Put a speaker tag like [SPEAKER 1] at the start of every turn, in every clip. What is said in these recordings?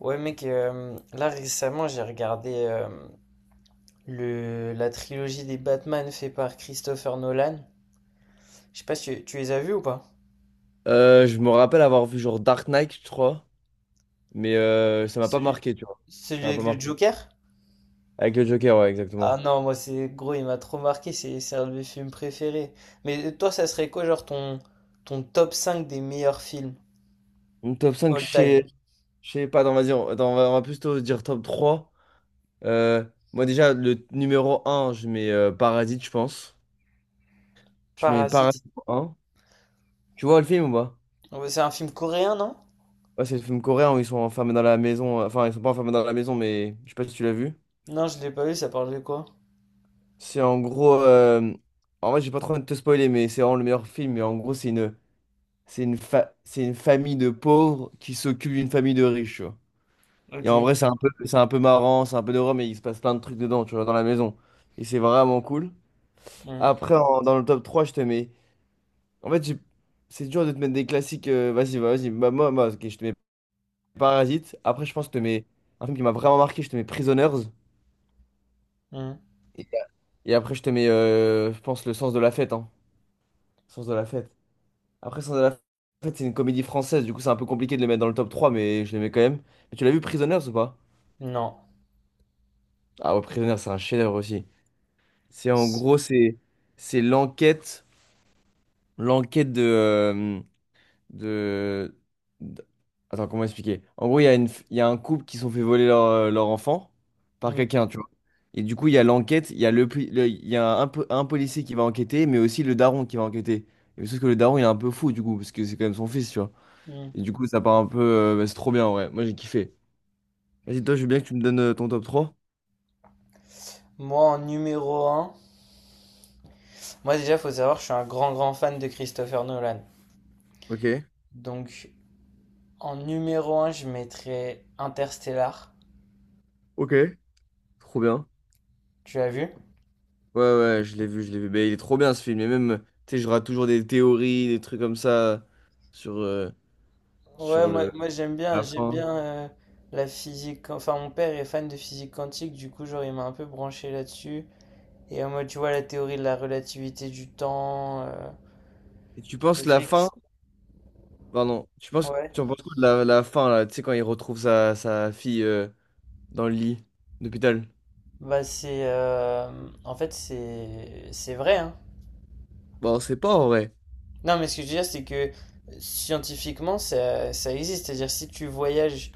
[SPEAKER 1] Ouais mec, là récemment j'ai regardé la trilogie des Batman fait par Christopher Nolan. Je sais pas si tu les as vus ou pas?
[SPEAKER 2] Je me rappelle avoir vu genre Dark Knight, je crois, mais ça m'a pas
[SPEAKER 1] Celui,
[SPEAKER 2] marqué, tu vois. Ça
[SPEAKER 1] celui
[SPEAKER 2] m'a pas
[SPEAKER 1] avec le
[SPEAKER 2] marqué.
[SPEAKER 1] Joker?
[SPEAKER 2] Avec le Joker, ouais,
[SPEAKER 1] Ah
[SPEAKER 2] exactement.
[SPEAKER 1] non, moi c'est gros, il m'a trop marqué, c'est un de mes films préférés. Mais toi ça serait quoi genre ton top 5 des meilleurs films
[SPEAKER 2] Mon top cinq,
[SPEAKER 1] all time?
[SPEAKER 2] je sais pas, attends, vas-y, attends, on va plutôt dire top trois. Euh, moi, déjà, le numéro un, je mets Parasite, je pense. Je mets Parasite
[SPEAKER 1] Parasite.
[SPEAKER 2] un. Tu vois le film ou pas?
[SPEAKER 1] Ouais, c'est un film coréen, non?
[SPEAKER 2] Ouais, c'est le film coréen où ils sont enfermés dans la maison. Enfin, ils sont pas enfermés dans la maison, mais je sais pas si tu l'as vu.
[SPEAKER 1] Non, je l'ai pas vu, ça parle de quoi?
[SPEAKER 2] C'est en gros. En vrai, j'ai pas trop envie de te spoiler, mais c'est vraiment le meilleur film. Mais en gros, c'est une famille de pauvres qui s'occupe d'une famille de riches, tu vois. Et en
[SPEAKER 1] Ok.
[SPEAKER 2] vrai, c'est un peu marrant, c'est un peu drôle, mais il se passe plein de trucs dedans, tu vois, dans la maison. Et c'est vraiment cool.
[SPEAKER 1] Hmm,
[SPEAKER 2] Après, dans le top trois, je te mets. En fait, c'est dur de te mettre des classiques. Vas-y. Bah, moi, ok, je te mets Parasite. Après, je pense que je te mets un film qui m'a vraiment marqué, je te mets Prisoners.
[SPEAKER 1] hmm.
[SPEAKER 2] Et et après, je te mets, je pense, Le Sens de la fête. Hein. Sens de la fête. Après, Sens de la fête, c'est une comédie française, du coup, c'est un peu compliqué de le mettre dans le top trois, mais je le mets quand même. Mais tu l'as vu Prisoners ou pas?
[SPEAKER 1] Non.
[SPEAKER 2] Ah ouais, Prisoner, c'est un chef-d'œuvre aussi. C'est en gros, c'est l'enquête de, d- attends, comment expliquer? En gros, il y a il y a un couple qui se sont fait voler leur enfant par
[SPEAKER 1] Hmm,
[SPEAKER 2] quelqu'un, tu vois. Et du coup, il y a l'enquête, il y a il y a un policier qui va enquêter, mais aussi le daron qui va enquêter. Et sauf que le daron, il est un peu fou, du coup, parce que c'est quand même son fils, tu vois.
[SPEAKER 1] hmm.
[SPEAKER 2] Et du coup, ça part un peu... Bah, c'est trop bien, ouais. Moi, j'ai kiffé. Vas-y, toi, je veux bien que tu me donnes ton top trois.
[SPEAKER 1] Moi en numéro un. Moi déjà, faut savoir, je suis un grand grand fan de Christopher Nolan.
[SPEAKER 2] Ok.
[SPEAKER 1] Donc en numéro un, je mettrais Interstellar.
[SPEAKER 2] Ok. Trop bien.
[SPEAKER 1] Tu l'as vu?
[SPEAKER 2] Ouais, ouais, je l'ai vu, je l'ai vu. Mais il est trop bien, ce film. Et même, tu sais, j'aurai toujours des théories, des trucs comme ça sur, euh,
[SPEAKER 1] Ouais,
[SPEAKER 2] sur
[SPEAKER 1] moi
[SPEAKER 2] la
[SPEAKER 1] j'aime
[SPEAKER 2] fin.
[SPEAKER 1] bien euh, la physique. Enfin, mon père est fan de physique quantique, du coup, genre, il m'a un peu branché là-dessus. Et moi, tu vois, la théorie de la relativité du temps,
[SPEAKER 2] Et
[SPEAKER 1] le fait que... Ouais.
[SPEAKER 2] tu en penses quoi de la fin, là, tu sais, quand il retrouve sa fille dans le lit d'hôpital?
[SPEAKER 1] Bah, en fait, c'est... C'est vrai, hein.
[SPEAKER 2] Bon, c'est pas en vrai.
[SPEAKER 1] Non, mais ce que je veux dire, c'est que scientifiquement, ça existe. C'est-à-dire, si tu voyages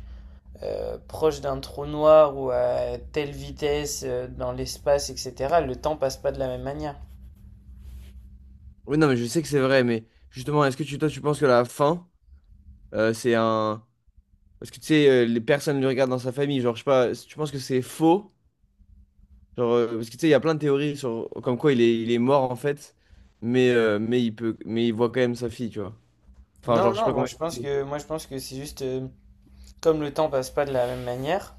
[SPEAKER 1] proche d'un trou noir ou à telle vitesse dans l'espace, etc., le temps passe pas de la même manière.
[SPEAKER 2] Oui, non, mais je sais que c'est vrai, mais justement, est-ce que toi, tu penses que la fin, c'est un... Parce que tu sais, les personnes le regardent dans sa famille, genre, je sais pas, tu penses que c'est faux? Genre, parce que tu sais, il y a plein de théories sur comme quoi il est mort en fait, mais il voit quand même sa fille, tu vois. Enfin,
[SPEAKER 1] Non,
[SPEAKER 2] genre, je sais
[SPEAKER 1] non,
[SPEAKER 2] pas
[SPEAKER 1] moi
[SPEAKER 2] comment
[SPEAKER 1] je pense
[SPEAKER 2] expliquer.
[SPEAKER 1] que, moi, je pense que c'est juste comme le temps passe pas de la même manière,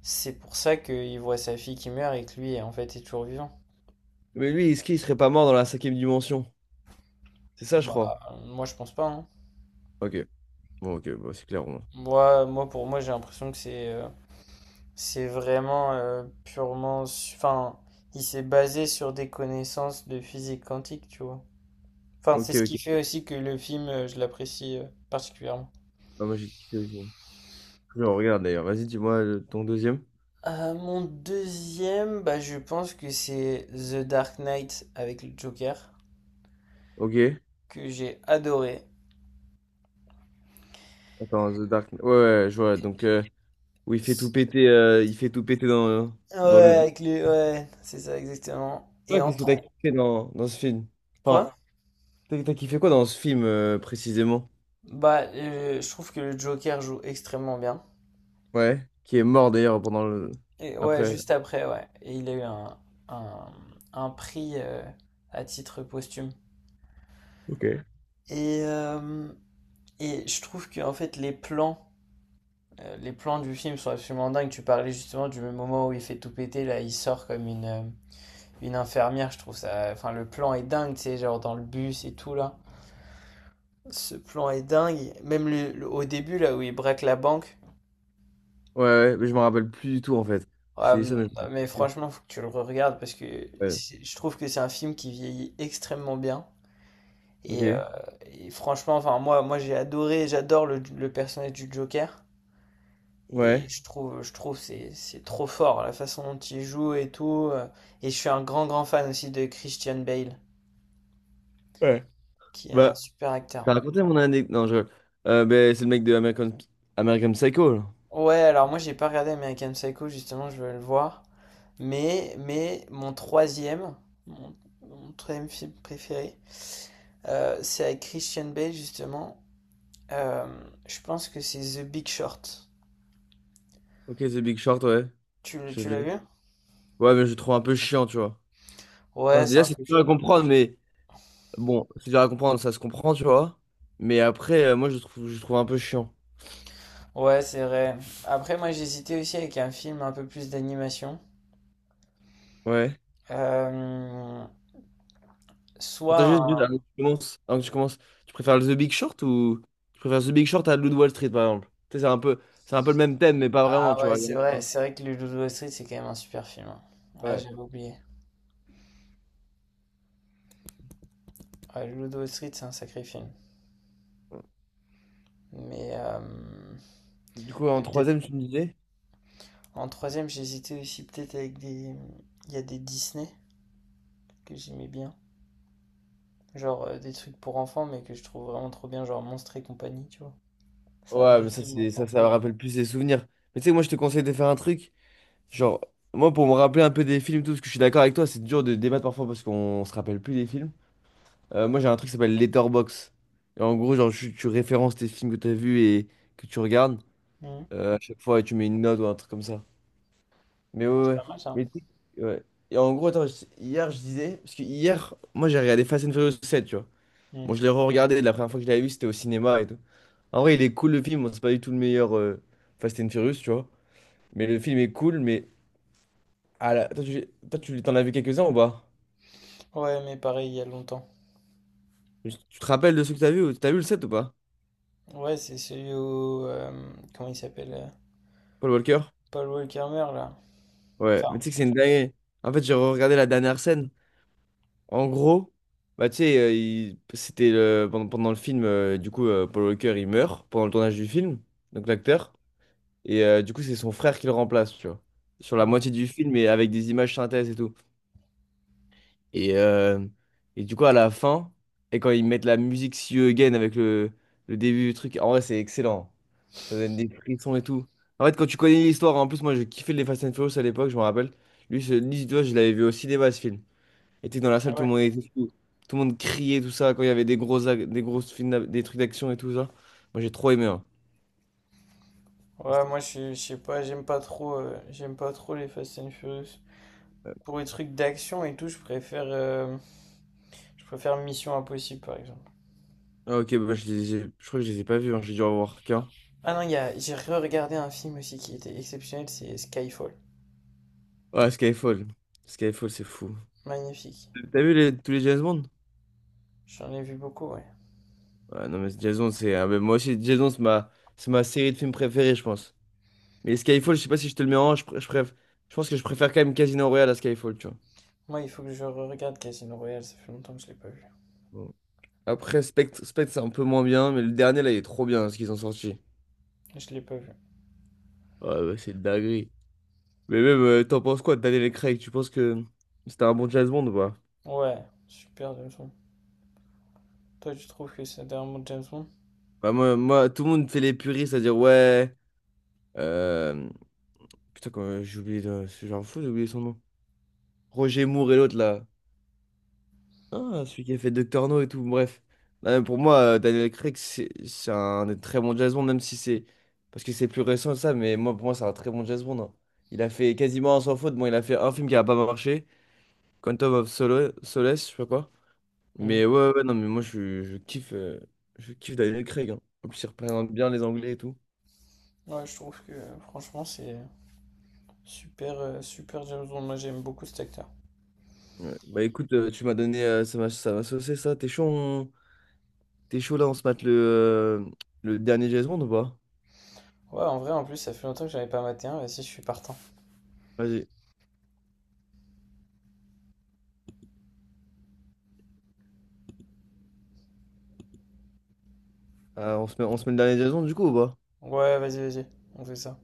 [SPEAKER 1] c'est pour ça qu'il voit sa fille qui meurt et que lui en fait est toujours vivant.
[SPEAKER 2] Mais lui, est-ce qu'il serait pas mort dans la cinquième dimension? C'est ça, je
[SPEAKER 1] Bah,
[SPEAKER 2] crois.
[SPEAKER 1] moi je pense pas, hein.
[SPEAKER 2] Ok, ok, bon, c'est clair, au moins.
[SPEAKER 1] Moi, moi pour moi j'ai l'impression que c'est vraiment purement, enfin, il s'est basé sur des connaissances de physique quantique, tu vois. Enfin, c'est
[SPEAKER 2] Ok,
[SPEAKER 1] ce
[SPEAKER 2] ok.
[SPEAKER 1] qui fait aussi que le film je l'apprécie particulièrement.
[SPEAKER 2] Ah, moi, j'ai kiffé aussi. Je le regarde d'ailleurs. Vas-y, dis-moi ton deuxième.
[SPEAKER 1] Mon deuxième, bah, je pense que c'est The Dark Knight avec le Joker,
[SPEAKER 2] Ok.
[SPEAKER 1] que j'ai adoré.
[SPEAKER 2] Attends, The Dark Knight. Ouais, ouais, je vois. Donc, où il fait tout péter, il fait tout péter dans,
[SPEAKER 1] Ouais,
[SPEAKER 2] dans le...
[SPEAKER 1] avec les... ouais, c'est ça exactement. Et
[SPEAKER 2] Toi,
[SPEAKER 1] en
[SPEAKER 2] qu'est-ce que t'as
[SPEAKER 1] tro-
[SPEAKER 2] kiffé dans ce film?
[SPEAKER 1] Quoi?
[SPEAKER 2] Enfin, t'as kiffé quoi dans ce film, précisément?
[SPEAKER 1] Bah, je trouve que le Joker joue extrêmement bien.
[SPEAKER 2] Ouais, qui est mort d'ailleurs pendant le...
[SPEAKER 1] Et ouais,
[SPEAKER 2] Après.
[SPEAKER 1] juste après, ouais. Et il a eu un, un prix à titre posthume.
[SPEAKER 2] Ok. Ouais,
[SPEAKER 1] Et, euh, et je trouve que en fait les plans du film sont absolument dingues. Tu parlais justement du moment où il fait tout péter, là il sort comme une infirmière, je trouve ça. Enfin, le plan est dingue, tu sais, genre dans le bus et tout là. Ce plan est dingue. Même au début, là où il braque la banque.
[SPEAKER 2] ouais, mais je me rappelle plus du tout en fait. Je t'ai dit ça,
[SPEAKER 1] Euh,
[SPEAKER 2] mais je me
[SPEAKER 1] mais
[SPEAKER 2] rappelle plus.
[SPEAKER 1] franchement, faut que tu le regardes parce que
[SPEAKER 2] Ouais.
[SPEAKER 1] c'est- je trouve que c'est un film qui vieillit extrêmement bien. Et, euh,
[SPEAKER 2] Ok.
[SPEAKER 1] et franchement, enfin, moi j'ai adoré, j'adore le personnage du Joker. Et
[SPEAKER 2] Ouais.
[SPEAKER 1] je trouve c'est trop fort la façon dont il joue et tout. Et je suis un grand, grand fan aussi de Christian Bale,
[SPEAKER 2] Ouais.
[SPEAKER 1] qui est un
[SPEAKER 2] Bah,
[SPEAKER 1] super acteur.
[SPEAKER 2] t'as raconté mon anecdote. Non, je... Ben, c'est le mec de American Psycho, là.
[SPEAKER 1] Ouais, alors moi j'ai pas regardé American Psycho, justement, je veux le voir. Mais mon troisième, mon, mon troisième film préféré, c'est avec Christian Bale, justement. Euh, je pense que c'est The Big Short.
[SPEAKER 2] Ok, The Big Short, ouais.
[SPEAKER 1] Tu, le-
[SPEAKER 2] J'ai
[SPEAKER 1] tu l'as vu?
[SPEAKER 2] vu. Ouais, mais je le trouve un peu chiant, tu vois.
[SPEAKER 1] Ouais,
[SPEAKER 2] Enfin,
[SPEAKER 1] c'est
[SPEAKER 2] déjà,
[SPEAKER 1] un
[SPEAKER 2] c'est
[SPEAKER 1] peu.
[SPEAKER 2] dur
[SPEAKER 1] Ch-
[SPEAKER 2] à comprendre, mais bon, c'est dur à comprendre, ça se comprend, tu vois. Mais après, moi, je le trouve un peu chiant.
[SPEAKER 1] Ouais, c'est vrai. Après, moi j'hésitais aussi avec un film un peu plus d'animation.
[SPEAKER 2] Ouais.
[SPEAKER 1] Euh,
[SPEAKER 2] On
[SPEAKER 1] soit
[SPEAKER 2] t'a juste dit,
[SPEAKER 1] un...
[SPEAKER 2] là, avant que tu commences, tu préfères le The Big Short ou tu préfères The Big Short à Loup de Wall Street, par exemple? Tu sais, c'est un peu le même thème, mais pas vraiment,
[SPEAKER 1] Ah
[SPEAKER 2] tu
[SPEAKER 1] ouais,
[SPEAKER 2] vois.
[SPEAKER 1] c'est vrai que le Loup de Wall Street, c'est quand même un super film, hein. Ouais,
[SPEAKER 2] Ouais.
[SPEAKER 1] j'avais oublié. Ouais, le Loup de Wall Street, c'est un sacré film. Mais, euh,
[SPEAKER 2] Du coup, en
[SPEAKER 1] Mais peut-être
[SPEAKER 2] troisième, tu me disais?
[SPEAKER 1] en troisième, j'hésitais aussi peut-être avec des... Il y a des Disney que j'aimais bien. Genre des trucs pour enfants, mais que je trouve vraiment trop bien, genre Monstres et compagnie, tu vois. Ça a
[SPEAKER 2] Ouais, mais ça,
[SPEAKER 1] bercé mon
[SPEAKER 2] c'est, ça,
[SPEAKER 1] enfance.
[SPEAKER 2] ça me rappelle plus des souvenirs. Mais tu sais, moi, je te conseille de faire un truc. Genre, moi, pour me rappeler un peu des films et tout, parce que je suis d'accord avec toi, c'est dur de débattre parfois parce qu'on se rappelle plus des films. Moi, j'ai un truc qui s'appelle Letterboxd. Et en gros, genre, tu références tes films que tu as vus et que tu regardes
[SPEAKER 1] Mhm.
[SPEAKER 2] à chaque fois, et tu mets une note ou un truc comme ça. Mais ouais,
[SPEAKER 1] Ah, c'est
[SPEAKER 2] ouais.
[SPEAKER 1] pas mal ça.
[SPEAKER 2] Mais ouais. Et en gros, attends, hier, je disais, parce que hier, moi, j'ai regardé Fast and Furious 7, tu vois. Bon,
[SPEAKER 1] Mhm.
[SPEAKER 2] je l'ai re-regardé, la première fois que je l'avais vu, c'était au cinéma et tout. En vrai, il est cool, le film, bon, c'est pas du tout le meilleur Fast and Furious, tu vois. Mais le film est cool, mais... Ah là, toi, t'en as vu quelques-uns ou pas?
[SPEAKER 1] Ouais, mais pareil, il y a longtemps.
[SPEAKER 2] Tu te rappelles de ceux que t'as vu? T'as vu le 7 ou pas?
[SPEAKER 1] Ouais, c'est celui où... comment il s'appelle?
[SPEAKER 2] Paul Walker?
[SPEAKER 1] Paul Walker meurt, là.
[SPEAKER 2] Ouais, mais
[SPEAKER 1] Enfin...
[SPEAKER 2] tu sais que c'est une dinguerie. En fait, j'ai re-regardé la dernière scène. En gros, bah, tu sais, pendant le film, du coup, Paul Walker, il meurt pendant le tournage du film, donc l'acteur. Et du coup, c'est son frère qui le remplace, tu vois. Sur la
[SPEAKER 1] Mhm.
[SPEAKER 2] moitié du film et avec des images synthèses et tout. Et, euh, et du coup, à la fin, et quand ils mettent la musique See You Again avec le début du truc, en vrai, c'est excellent. Ça donne des frissons et tout. En fait, quand tu connais l'histoire, en plus, moi, je kiffais les Fast and Furious à l'époque, je me rappelle. Lui, lui, tu vois, je l'avais vu au cinéma, ce film était dans la salle,
[SPEAKER 1] Ah
[SPEAKER 2] tout le
[SPEAKER 1] ouais.
[SPEAKER 2] monde était fou. Tout le monde criait, tout ça, quand il y avait des des grosses films, des trucs d'action et tout ça. Moi, j'ai trop aimé, hein.
[SPEAKER 1] Ouais,
[SPEAKER 2] C'était-
[SPEAKER 1] je sais pas, j'aime pas trop les Fast and Furious.
[SPEAKER 2] euh,
[SPEAKER 1] Pour les trucs d'action et tout, je préfère... je préfère Mission Impossible, par exemple.
[SPEAKER 2] Ah, ok, bah, je crois que je les ai pas vus, hein. J'ai dû en voir qu'un.
[SPEAKER 1] Ah non, il y a- j'ai re-regardé un film aussi qui était exceptionnel, c'est Skyfall.
[SPEAKER 2] Ouais, Skyfall. Skyfall, c'est fou.
[SPEAKER 1] Magnifique.
[SPEAKER 2] T'as vu tous les James Bond?
[SPEAKER 1] J'en ai vu beaucoup, ouais.
[SPEAKER 2] Ouais, non, mais James Bond, c'est... ah, mais moi aussi, James Bond, c'est ma série de films préférée, je pense. Mais Skyfall, je sais pas si je te le mets en... je pense que je préfère quand même Casino Royale à Skyfall, tu vois.
[SPEAKER 1] Moi, il faut que je re-regarde Casino Royale, ça fait longtemps que je l'ai pas vu.
[SPEAKER 2] Bon. Après, Spectre, Spectre, c'est un peu moins bien, mais le dernier, là, il est trop bien, ce qu'ils ont sorti.
[SPEAKER 1] Je l'ai pas vu.
[SPEAKER 2] Ouais, bah, c'est de dinguerie. Mais même, t'en penses quoi de Daniel Craig? Tu penses que c'était un bon James Bond ou pas?
[SPEAKER 1] Ouais, super James Bond. Toi, tu trouves que c'est dernièrement James Bond.
[SPEAKER 2] Bah, moi, tout le monde fait les puristes, c'est-à-dire, ouais. euh, Putain, quand j'ai oublié, de... j'en fous, j'ai oublié son nom. Roger Moore et l'autre, là. Ah, celui qui a fait Doctor No et tout, bref. Là, pour moi, Daniel Craig, c'est un des très bon James Bond, même si c'est... Parce que c'est plus récent, ça, mais moi, pour moi, c'est un très bon James Bond, hein. Il a fait quasiment un sans faute. Bon, il a fait un film qui a pas marché, Quantum of Solace, je sais pas quoi.
[SPEAKER 1] Hmm.
[SPEAKER 2] Mais ouais, ouais, ouais, non, mais moi, je kiffe Daniel Craig, hein. En plus, il représente bien les Anglais et tout.
[SPEAKER 1] Ouais, je trouve que franchement, c'est super, super James Bond. Moi, j'aime beaucoup cet acteur.
[SPEAKER 2] Ouais. Bah écoute, tu m'as donné, ça m'a saucé, ça. T'es chaud, t'es chaud là, on se mate le dernier Jason ou pas?
[SPEAKER 1] Ouais, en vrai, en plus, ça fait longtemps que j'avais pas maté un. Vas-y, je suis partant.
[SPEAKER 2] Vas-y. Ah, on se met le dernier Jason du coup ou pas?
[SPEAKER 1] Ouais, vas-y, on fait ça.